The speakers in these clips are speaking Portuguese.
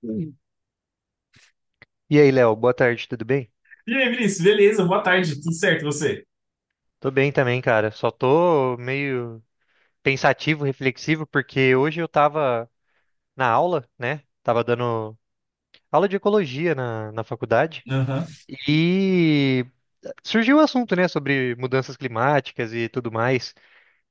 Sim. E aí, Léo, boa tarde, tudo bem? E aí, Vinícius, beleza? Boa tarde, tudo certo e você? Tô bem também, cara. Só tô meio pensativo, reflexivo, porque hoje eu tava na aula, né? Tava dando aula de ecologia na faculdade Aham, e surgiu o assunto, né, sobre mudanças climáticas e tudo mais.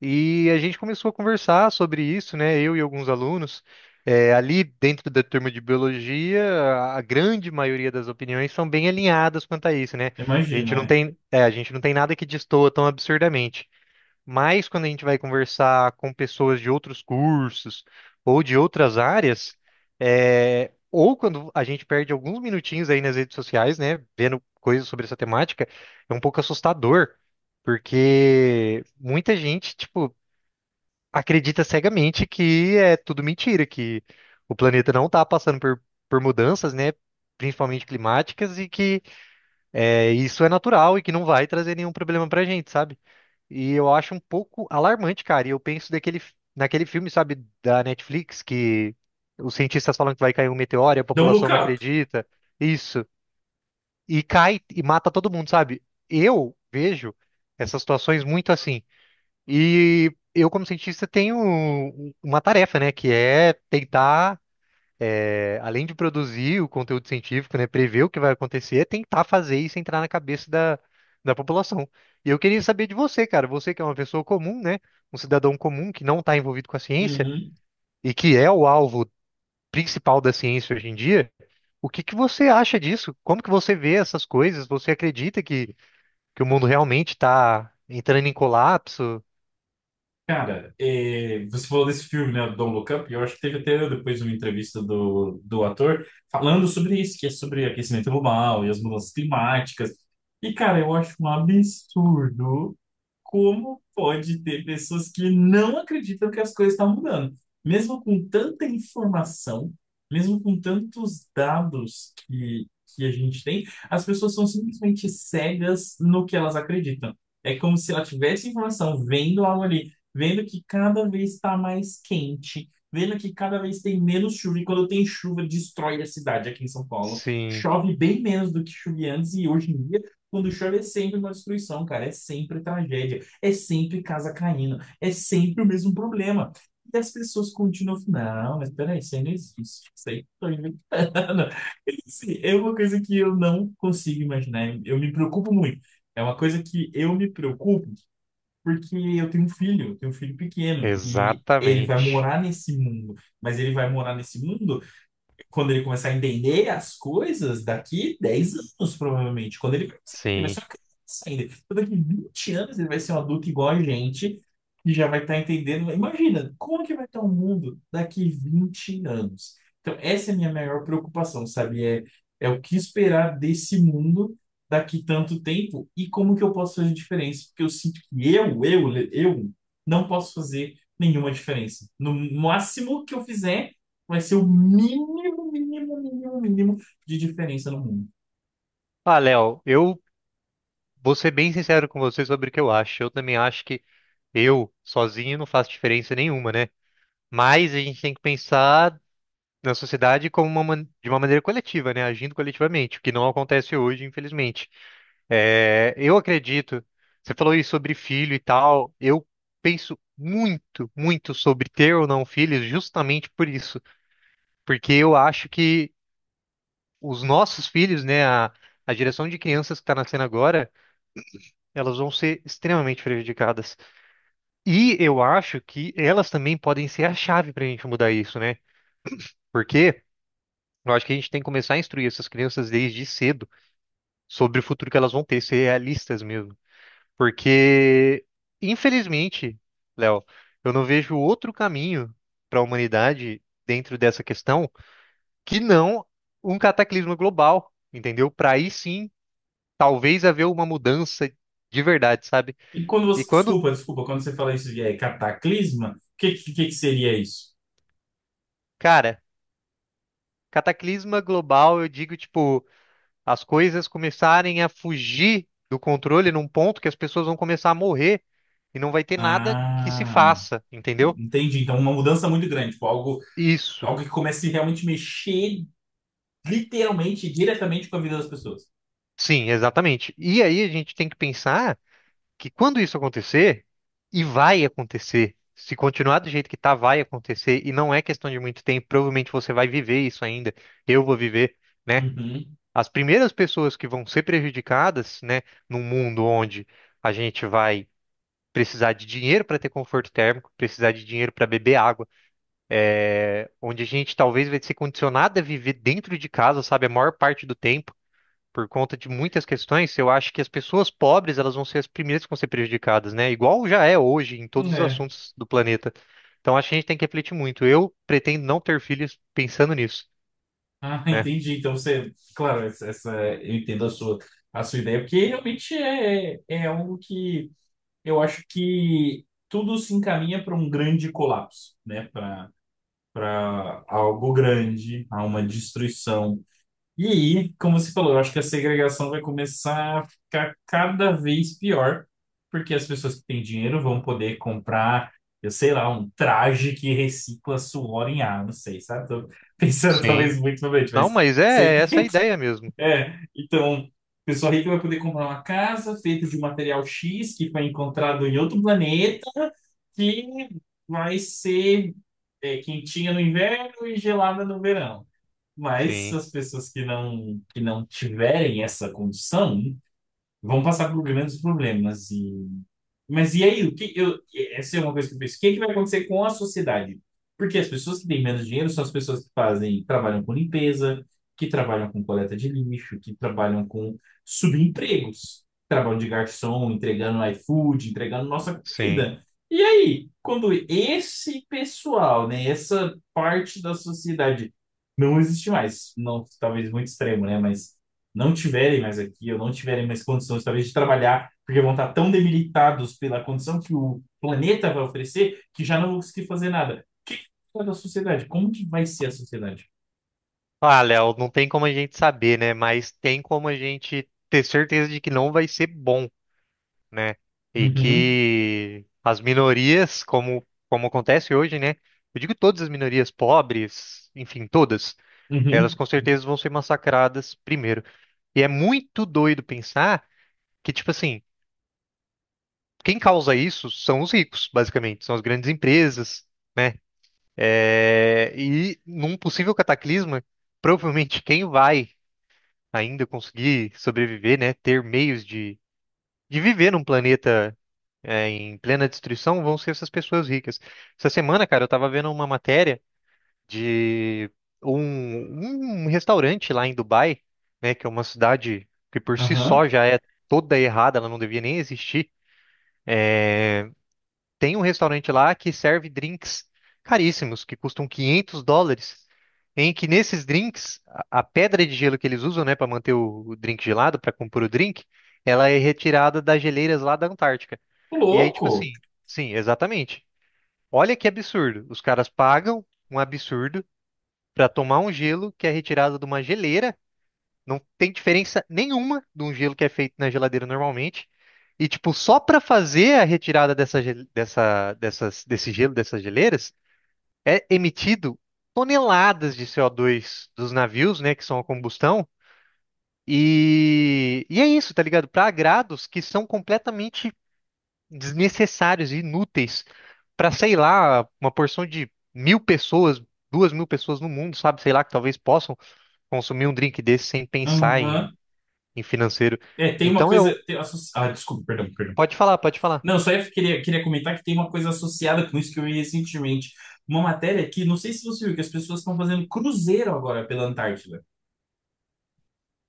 E a gente começou a conversar sobre isso, né? Eu e alguns alunos. É, ali dentro da turma de biologia, a grande maioria das opiniões são bem alinhadas quanto a isso, né? A imagino, gente não é. tem, é, a gente não tem nada que destoa tão absurdamente. Mas quando a gente vai conversar com pessoas de outros cursos ou de outras áreas, é, ou quando a gente perde alguns minutinhos aí nas redes sociais, né? Vendo coisas sobre essa temática, é um pouco assustador. Porque muita gente, tipo, acredita cegamente que é tudo mentira, que o planeta não está passando por mudanças, né? Principalmente climáticas, e que é, isso é natural e que não vai trazer nenhum problema pra gente, sabe? E eu acho um pouco alarmante, cara. E eu penso daquele, naquele filme, sabe, da Netflix, que os cientistas falam que vai cair um meteoro e a Don't Look população não Up. acredita. Isso. E cai e mata todo mundo, sabe? Eu vejo essas situações muito assim. E eu, como cientista, tenho um- uma tarefa, né, que é tentar, é, além de produzir o conteúdo científico, né, prever o que vai acontecer, é tentar fazer isso entrar na cabeça da, da população. E eu queria saber de você, cara, você que é uma pessoa comum, né, um cidadão comum que não está envolvido com a ciência Uhum. e que é o alvo principal da ciência hoje em dia, o que que você acha disso? Como que você vê essas coisas? Você acredita que o mundo realmente está entrando em colapso? Cara, você falou desse filme, né, Don't Look Up, e eu acho que teve até depois uma entrevista do ator falando sobre isso, que é sobre aquecimento global e as mudanças climáticas. E, cara, eu acho um absurdo como pode ter pessoas que não acreditam que as coisas estão mudando? Mesmo com tanta informação, mesmo com tantos dados que a gente tem, as pessoas são simplesmente cegas no que elas acreditam. É como se ela tivesse informação, vendo algo ali, vendo que cada vez está mais quente, vendo que cada vez tem menos chuva, e quando tem chuva, destrói a cidade aqui em São Paulo. Sim. Chove bem menos do que chovia antes, e hoje em dia, quando chove, é sempre uma destruição, cara, é sempre tragédia. É sempre casa caindo, é sempre o mesmo problema. E as pessoas continuam, não, mas peraí, isso aí não existe, isso aí estou inventando. Assim, é uma coisa que eu não consigo imaginar, eu me preocupo muito. É uma coisa que eu me preocupo porque eu tenho um filho, eu tenho um filho pequeno e ele vai Exatamente. morar nesse mundo, mas ele vai morar nesse mundo quando ele começar a entender as coisas, daqui 10 anos, provavelmente. Quando ele começar a entender, vai ser Sim. uma criança ainda. Então, daqui 20 anos, ele vai ser um adulto igual a gente, que já vai estar entendendo. Imagina, como que vai estar o mundo daqui 20 anos? Então, essa é a minha maior preocupação, sabe? É, é o que esperar desse mundo daqui tanto tempo e como que eu posso fazer diferença? Porque eu sinto que eu não posso fazer nenhuma diferença. No máximo que eu fizer vai ser o mínimo, mínimo, mínimo, mínimo de diferença no mundo. Ah, Léo, eu vou ser bem sincero com você sobre o que eu acho. Eu também acho que eu, sozinho, não faço diferença nenhuma, né? Mas a gente tem que pensar na sociedade como uma, man- de uma maneira coletiva, né? Agindo coletivamente, o que não acontece hoje, infelizmente. É, eu acredito, você falou aí sobre filho e tal, eu penso muito, muito sobre ter ou não filhos justamente por isso. Porque eu acho que os nossos filhos, né, a geração de crianças que está nascendo agora, elas vão ser extremamente prejudicadas. E eu acho que elas também podem ser a chave para a gente mudar isso, né? Porque eu acho que a gente tem que começar a instruir essas crianças desde cedo sobre o futuro que elas vão ter, ser realistas mesmo. Porque, infelizmente, Léo, eu não vejo outro caminho para a humanidade dentro dessa questão que não um cataclismo global, entendeu? Para aí sim talvez haver uma mudança de verdade, sabe? E quando E você, quando, desculpa, desculpa, quando você fala isso de cataclisma, o que seria isso? cara, cataclisma global, eu digo, tipo, as coisas começarem a fugir do controle num ponto que as pessoas vão começar a morrer e não vai ter nada que se Ah, faça, entendeu? entendi. Então, uma mudança muito grande, tipo, algo, Isso, algo que comece a realmente mexer literalmente, diretamente com a vida das pessoas. sim, exatamente. E aí a gente tem que pensar que quando isso acontecer, e vai acontecer, se continuar do jeito que tá, vai acontecer, e não é questão de muito tempo, provavelmente você vai viver isso ainda, eu vou viver né? Uhum. As primeiras pessoas que vão ser prejudicadas, né, num mundo onde a gente vai precisar de dinheiro para ter conforto térmico, precisar de dinheiro para beber água, é, onde a gente talvez vai ser condicionado a viver dentro de casa, sabe, a maior parte do tempo, por conta de muitas questões, eu acho que as pessoas pobres, elas vão ser as primeiras que vão ser prejudicadas, né? Igual já é hoje em todos os É. assuntos do planeta. Então acho que a gente tem que refletir muito. Eu pretendo não ter filhos pensando nisso, Ah, né? entendi. Então, você, claro, eu entendo a sua ideia, porque realmente é algo que eu acho que tudo se encaminha para um grande colapso, né? Para algo grande, a uma destruição. E aí, como você falou, eu acho que a segregação vai começar a ficar cada vez pior, porque as pessoas que têm dinheiro vão poder comprar, eu sei lá, um traje que recicla suor em ar, não sei, sabe? Tô pensando talvez Sim. muito novamente, Não, mas mas você é, é essa a ideia mesmo. então, pessoa rica vai poder comprar uma casa feita de um material X que foi encontrado em outro planeta, que vai ser quentinha no inverno e gelada no verão. Mas Sim, as pessoas que não tiverem essa condição vão passar por grandes problemas. E mas e aí, essa é uma coisa que eu penso. O que, é que vai acontecer com a sociedade? Porque as pessoas que têm menos dinheiro são as pessoas que fazem, trabalham com limpeza, que trabalham com coleta de lixo, que trabalham com subempregos, trabalham de garçom, entregando iFood, entregando nossa sim. comida. E aí, quando esse pessoal, né, essa parte da sociedade não existe mais, não, talvez muito extremo, né, mas não tiverem mais aqui, ou não tiverem mais condições, talvez, de trabalhar, porque vão estar tão debilitados pela condição que o planeta vai oferecer, que já não vão conseguir fazer nada. O que que da sociedade? Como que vai ser a sociedade? Ah, Léo, não tem como a gente saber, né? Mas tem como a gente ter certeza de que não vai ser bom, né? E Uhum, que as minorias, como, como acontece hoje, né? Eu digo todas as minorias, pobres, enfim, todas, elas uhum, com certeza vão ser massacradas primeiro. E é muito doido pensar que, tipo assim, quem causa isso são os ricos, basicamente, são as grandes empresas, né? É, e num possível cataclisma, provavelmente quem vai ainda conseguir sobreviver, né? Ter meios de viver num planeta é, em plena destruição vão ser essas pessoas ricas. Essa semana, cara, eu tava vendo uma matéria de um restaurante lá em Dubai, né? Que é uma cidade que por si aham. só já é toda errada, ela não devia nem existir. Tem um restaurante lá que serve drinks caríssimos, que custam 500 dólares, em que nesses drinks, a pedra de gelo que eles usam, né, para manter o drink gelado, para compor o drink, ela é retirada das geleiras lá da Antártica. Ô, E aí, tipo louco! assim, sim, exatamente. Olha que absurdo. Os caras pagam um absurdo para tomar um gelo que é retirado de uma geleira. Não tem diferença nenhuma de um gelo que é feito na geladeira normalmente. E, tipo, só para fazer a retirada dessa, gel- dessa, dessas, desse gelo, dessas geleiras, é emitido toneladas de CO2 dos navios, né, que são a combustão. E é isso, tá ligado? Para agrados que são completamente desnecessários e inúteis para, sei lá, uma porção de 1.000 pessoas, 2.000 pessoas no mundo, sabe? Sei lá, que talvez possam consumir um drink desse sem pensar em, Aham. em financeiro. É, tem uma Então coisa. eu. Ah, desculpa, perdão, perdão. Pode falar, pode falar. Não, só eu queria comentar que tem uma coisa associada com isso que eu vi recentemente. Uma matéria que, não sei se você viu, que as pessoas estão fazendo cruzeiro agora pela Antártida.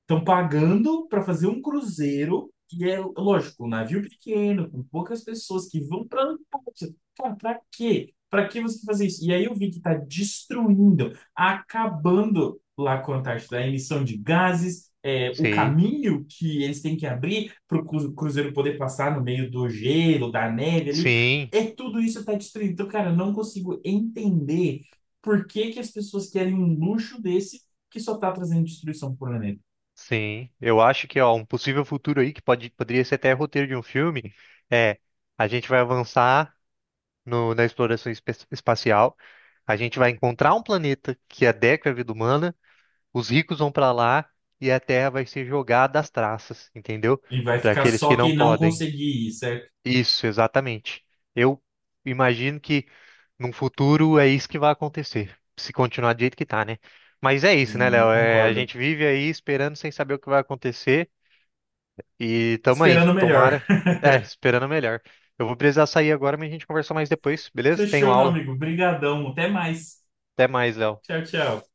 Estão pagando para fazer um cruzeiro, e é lógico, um navio pequeno, com poucas pessoas que vão para a Antártida. Cara, para quê? Para que você fazer isso? E aí eu vi que está destruindo, acabando lá com a Antártida, a emissão de gases, é, o Sim, caminho que eles têm que abrir para o cruzeiro poder passar no meio do gelo, da neve ali. sim. É tudo isso está destruindo. Então, cara, eu não consigo entender por que que as pessoas querem um luxo desse que só está trazendo destruição para o planeta. Sim, eu acho que ó, um possível futuro aí que pode, poderia ser até roteiro de um filme é a gente vai avançar no- na exploração espe- espacial, a gente vai encontrar um planeta que adequa à vida humana, os ricos vão para lá e a Terra vai ser jogada às traças, entendeu? E vai Para ficar aqueles que só não quem não podem. conseguir ir, certo? Isso, exatamente. Eu imagino que num futuro é isso que vai acontecer, se continuar do jeito que tá, né? Mas é isso, né, É, eu Léo? É, a concordo. gente vive aí esperando sem saber o que vai acontecer. E tamo aí, Esperando o melhor. tomara. É, esperando o melhor. Eu vou precisar sair agora, mas a gente conversa mais depois, beleza? Tenho Fechou, meu aula. amigo. Brigadão. Até mais. Até mais, Léo. Tchau, tchau.